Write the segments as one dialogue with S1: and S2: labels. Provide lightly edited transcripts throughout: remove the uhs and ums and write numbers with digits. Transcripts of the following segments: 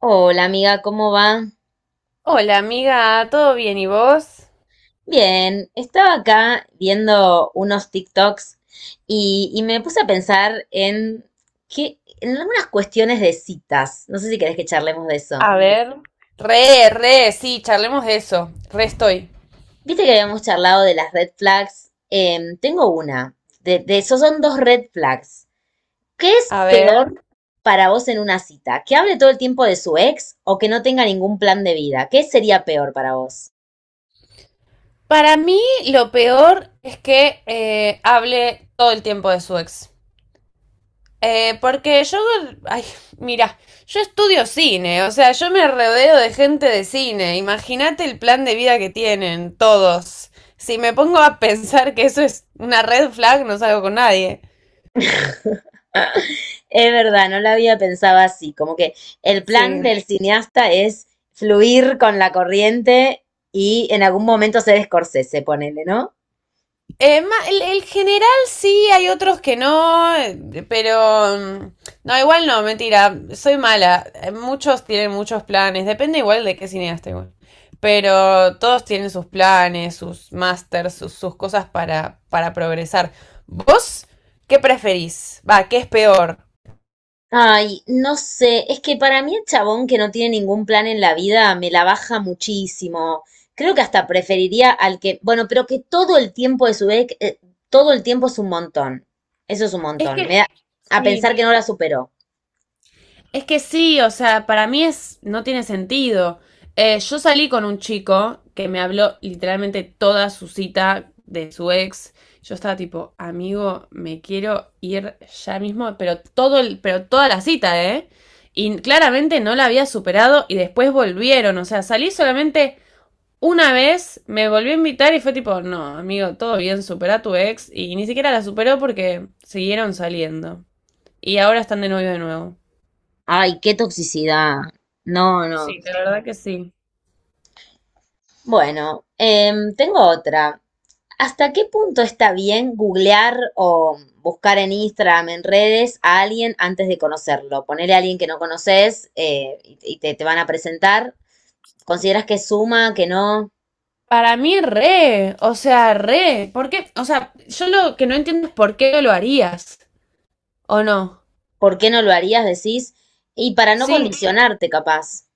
S1: Hola amiga, ¿cómo va?
S2: Hola amiga, ¿todo bien y vos?
S1: Bien, estaba acá viendo unos TikToks y me puse a pensar en que en algunas cuestiones de citas. No sé si querés que charlemos de eso.
S2: A ver. Re, sí, charlemos de eso. Re estoy.
S1: Viste que habíamos charlado de las red flags. Tengo una. De esos son dos red flags. ¿Qué es
S2: A
S1: peor
S2: ver.
S1: para vos en una cita? ¿Que hable todo el tiempo de su ex o que no tenga ningún plan de vida? ¿Qué sería peor para vos?
S2: Para mí lo peor es que hable todo el tiempo de su ex. Porque yo, ay, mira, yo estudio cine. O sea, yo me rodeo de gente de cine. Imagínate el plan de vida que tienen todos. Si me pongo a pensar que eso es una red flag, no salgo con nadie.
S1: Es verdad, no la había pensado así, como que el plan
S2: Sí.
S1: del cineasta es fluir con la corriente y en algún momento ser Scorsese, ponele, ¿no?
S2: Eh, el general sí, hay otros que no, pero no, igual no, mentira, soy mala. Muchos tienen muchos planes, depende igual de qué cineasta igual. Pero todos tienen sus planes, sus másters, sus cosas para progresar. ¿Vos qué preferís? Va, ¿qué es peor?
S1: Ay, no sé, es que para mí el chabón que no tiene ningún plan en la vida me la baja muchísimo. Creo que hasta preferiría al que, bueno, pero que todo el tiempo de su vez, todo el tiempo es un montón. Eso es un
S2: Es
S1: montón.
S2: que,
S1: Me da a
S2: sí,
S1: pensar que no la superó.
S2: Es que sí, o sea, para mí es, no tiene sentido. Yo salí con un chico que me habló literalmente toda su cita de su ex. Yo estaba tipo, amigo, me quiero ir ya mismo, pero toda la cita, ¿eh? Y claramente no la había superado y después volvieron. O sea, salí solamente una vez, me volvió a invitar y fue tipo, no, amigo, todo bien, supera a tu ex. Y ni siquiera la superó porque siguieron saliendo. Y ahora están de novio de nuevo.
S1: Ay, qué toxicidad. No, no.
S2: Sí, de verdad que sí.
S1: Bueno, tengo otra. ¿Hasta qué punto está bien googlear o buscar en Instagram, en redes, a alguien antes de conocerlo? Ponerle a alguien que no conoces, y te van a presentar. ¿Consideras que suma, que no?
S2: Para mí, re, o sea, re. ¿Por qué? O sea, yo lo que no entiendo es por qué no lo harías, ¿o no?
S1: ¿Por qué no lo harías, decís? Y para no
S2: Sí,
S1: condicionarte, capaz.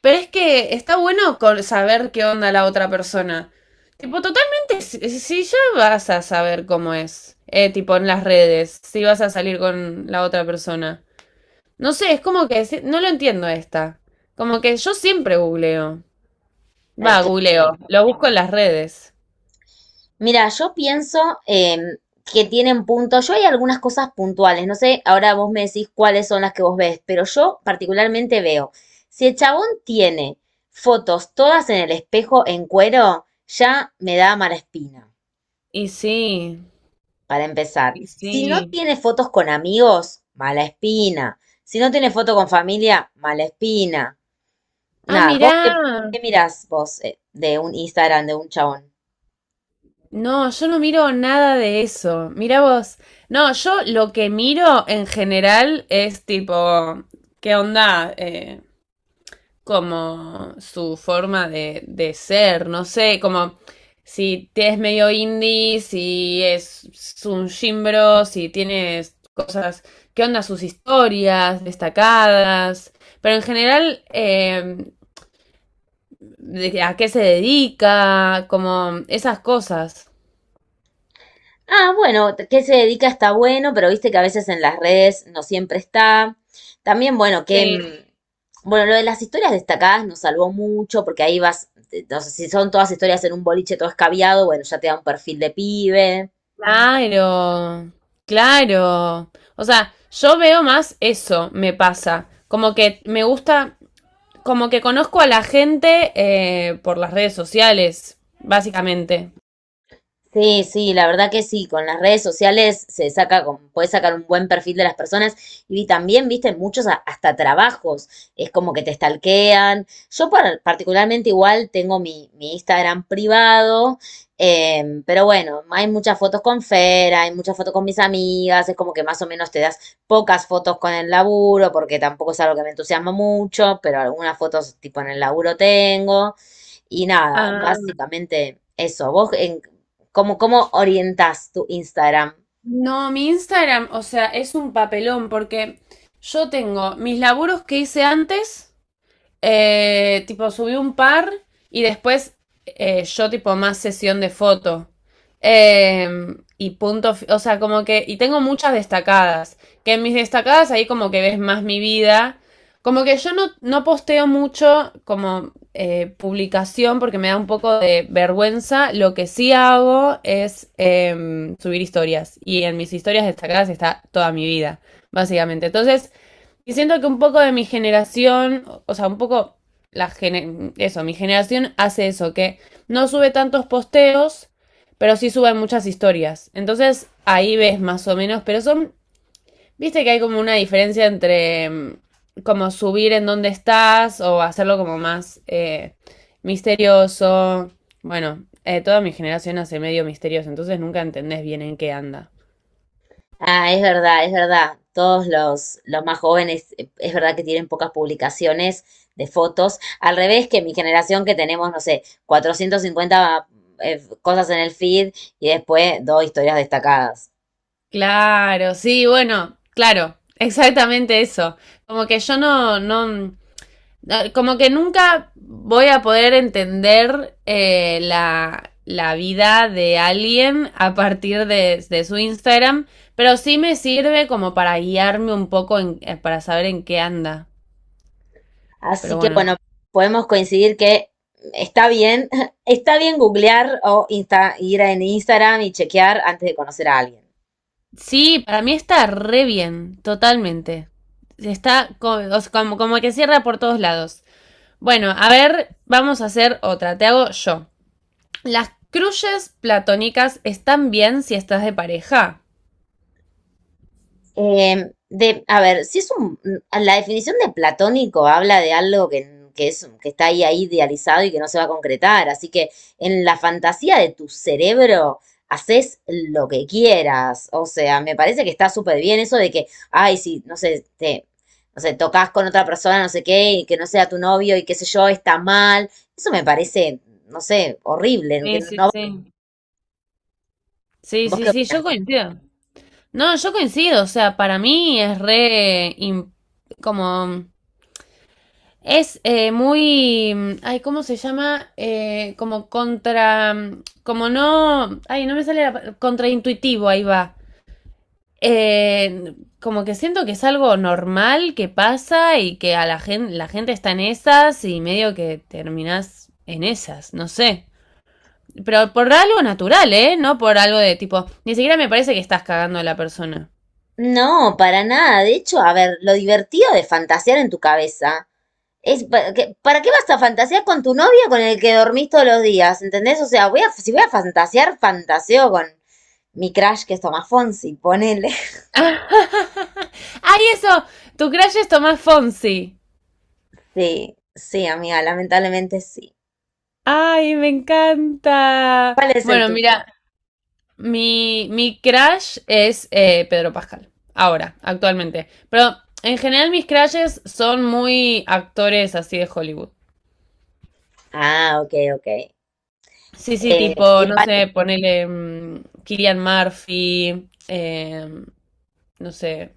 S2: pero es que está bueno con saber qué onda la otra persona. Tipo, totalmente, si ya vas a saber cómo es, tipo en las redes, si vas a salir con la otra persona. No sé, es como que no lo entiendo esta. Como que yo siempre googleo.
S1: Es
S2: Va,
S1: que sí.
S2: googleo, lo busco en las redes.
S1: Mira, yo pienso, que tienen puntos. Yo hay algunas cosas puntuales. No sé, ahora vos me decís cuáles son las que vos ves, pero yo particularmente veo. Si el chabón tiene fotos todas en el espejo en cuero, ya me da mala espina,
S2: Y sí,
S1: para empezar.
S2: y
S1: Si no
S2: sí.
S1: tiene fotos con amigos, mala espina. Si no tiene foto con familia, mala espina.
S2: Ah,
S1: Nada,
S2: mirá.
S1: vos qué, qué mirás vos, de un Instagram de un chabón.
S2: No, yo no miro nada de eso. Mirá vos. No, yo lo que miro en general es tipo, ¿qué onda? Como su forma de ser, no sé, como si te es medio indie, si es un gimbro, si tienes cosas. ¿Qué onda sus historias destacadas? Pero en general, ¿a qué se dedica? Como esas cosas.
S1: Ah, bueno, ¿qué se dedica? Está bueno, pero viste que a veces en las redes no siempre está. También, bueno,
S2: Sí,
S1: bueno, lo de las historias destacadas nos salvó mucho porque ahí vas, no sé si son todas historias en un boliche todo escabiado, bueno, ya te da un perfil de pibe.
S2: claro, claro. O sea, yo veo más eso, me pasa. Como que me gusta, como que conozco a la gente por las redes sociales, básicamente.
S1: Sí, sí, la verdad que sí, con las redes sociales se saca, con, puedes sacar un buen perfil de las personas y también, viste, muchos a- hasta trabajos, es como que te stalkean. Yo par- particularmente igual tengo mi Instagram privado, pero bueno, hay muchas fotos con Fera, hay muchas fotos con mis amigas, es como que más o menos te das pocas fotos con el laburo, porque tampoco es algo que me entusiasma mucho, pero algunas fotos tipo en el laburo tengo. Y nada,
S2: Ah,
S1: básicamente eso. ¿Vos en ¿cómo, cómo orientás tu Instagram?
S2: no, mi Instagram, o sea, es un papelón porque yo tengo mis laburos que hice antes. Tipo, subí un par y después yo tipo más sesión de foto. Eh, y punto, o sea, como que, y tengo muchas destacadas, que en mis destacadas ahí como que ves más mi vida. Como que yo no posteo mucho como publicación porque me da un poco de vergüenza. Lo que sí hago es subir historias. Y en mis historias destacadas está toda mi vida, básicamente. Entonces, y siento que un poco de mi generación, o sea, un poco eso, mi generación hace eso, que no sube tantos posteos, pero sí suben muchas historias. Entonces ahí ves más o menos, pero son, viste que hay como una diferencia entre como subir en dónde estás o hacerlo como más misterioso. Bueno, toda mi generación hace medio misterios, entonces nunca entendés bien en qué anda.
S1: Ah, es verdad, es verdad. Todos los más jóvenes, es verdad que tienen pocas publicaciones de fotos. Al revés que mi generación que tenemos, no sé, 450, cosas en el feed y después dos historias destacadas.
S2: Claro, sí, bueno, claro, exactamente eso. Como que yo no, como que nunca voy a poder entender la vida de alguien a partir de su Instagram, pero sí me sirve como para guiarme un poco para saber en qué anda. Pero
S1: Así que
S2: bueno,
S1: bueno, podemos coincidir que está bien, está bien googlear o insta- ir en Instagram y chequear antes de conocer a alguien.
S2: sí, para mí está re bien, totalmente. O sea, como que cierra por todos lados. Bueno, a ver, vamos a hacer otra. Te hago yo. Las crushes platónicas están bien si estás de pareja.
S1: De, a ver, si es un, la definición de platónico habla de algo que es, que está ahí, ahí idealizado y que no se va a concretar. Así que en la fantasía de tu cerebro haces lo que quieras. O sea, me parece que está súper bien eso de que, ay, si, no sé, te, no sé, tocas con otra persona, no sé qué, y que no sea tu novio y qué sé yo, está mal. Eso me parece, no sé, horrible. Que
S2: Sí,
S1: no,
S2: sí,
S1: no,
S2: sí. Sí,
S1: ¿vos
S2: sí,
S1: qué
S2: sí, yo
S1: opinás?
S2: coincido. No, yo coincido, o sea, para mí es re, como. Es muy, ay, ¿cómo se llama? Como contra, como no, ay, no me sale la, contraintuitivo, ahí va. Eh, Como que siento que es algo normal que pasa y que a la gente está en esas y medio que terminás en esas, no sé. Pero por algo natural, ¿eh? No por algo de tipo, ni siquiera me parece que estás cagando a la persona.
S1: No, para nada. De hecho, a ver, lo divertido de fantasear en tu cabeza es, pa- que- ¿para qué vas a fantasear con tu novio con el que dormís todos los días? ¿Entendés? O sea, voy a, si voy a fantasear, fantaseo con mi crush que es Tomás Fonsi, ponele.
S2: ¡Ay, eso! Tu crush es Tomás Fonsi.
S1: Sí, sí, amiga, lamentablemente sí.
S2: ¡Ay, me encanta!
S1: ¿Cuál es el
S2: Bueno,
S1: tuyo?
S2: mira, mi crush es Pedro Pascal. Ahora, actualmente. Pero en general mis crushes son muy actores así de Hollywood.
S1: Ah, ok, ok.
S2: Sí, sí, tipo, no
S1: Igual,
S2: sé, ponele Killian Murphy, no sé,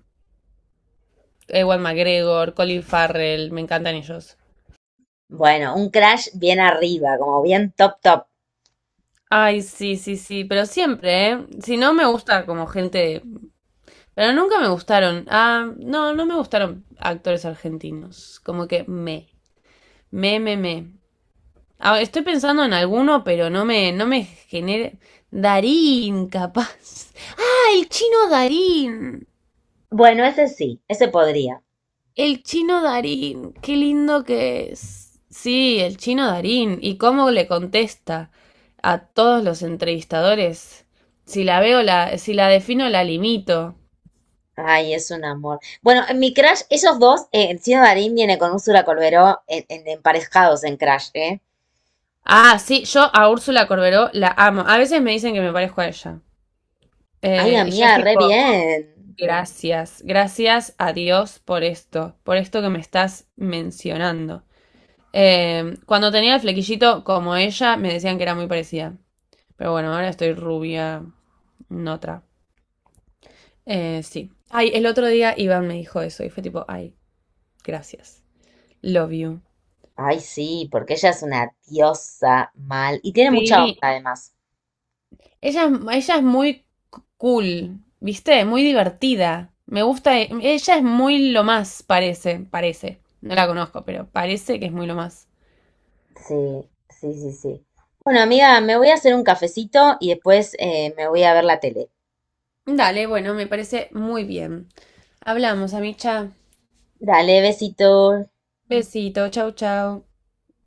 S2: Ewan McGregor, Colin Farrell, me encantan ellos.
S1: bueno, un crush bien arriba, como bien top, top.
S2: Ay, sí, sí, sí, pero siempre, ¿eh? Si no me gusta como gente, pero nunca me gustaron. Ah, no, no me gustaron actores argentinos. Como que me. Ah, estoy pensando en alguno, pero no me genera. Darín, capaz. Ah, el chino Darín.
S1: Bueno, ese sí, ese podría.
S2: El chino Darín, qué lindo que es. Sí, el chino Darín. ¿Y cómo le contesta a todos los entrevistadores? Si la veo, si la defino, la limito.
S1: Ay, es un amor. Bueno, en mi Crash, esos dos, el Chino Darín viene con Úrsula Colberó en- emparejados en Crash, ¿eh?
S2: Ah, sí, yo a Úrsula Corberó la amo. A veces me dicen que me parezco a ella.
S1: Ay,
S2: Y yo es
S1: amiga, re
S2: tipo,
S1: bien.
S2: gracias, gracias a Dios por esto, que me estás mencionando. Cuando tenía el flequillito como ella, me decían que era muy parecida. Pero bueno, ahora estoy rubia, no otra. Sí. Ay, el otro día Iván me dijo eso y fue tipo, ay, gracias. Love you.
S1: Ay, sí, porque ella es una diosa mal. Y tiene mucha onda
S2: Sí.
S1: además.
S2: Ella es muy cool, ¿viste? Muy divertida. Me gusta. Ella es muy lo más, parece, parece. No la conozco, pero parece que es muy lo más.
S1: Sí, sí, sí, sí. Bueno, amiga, me voy a hacer un cafecito y después, me voy a ver la tele.
S2: Dale, bueno, me parece muy bien. Hablamos, Amicha.
S1: Dale, besito.
S2: Besito, chau, chau.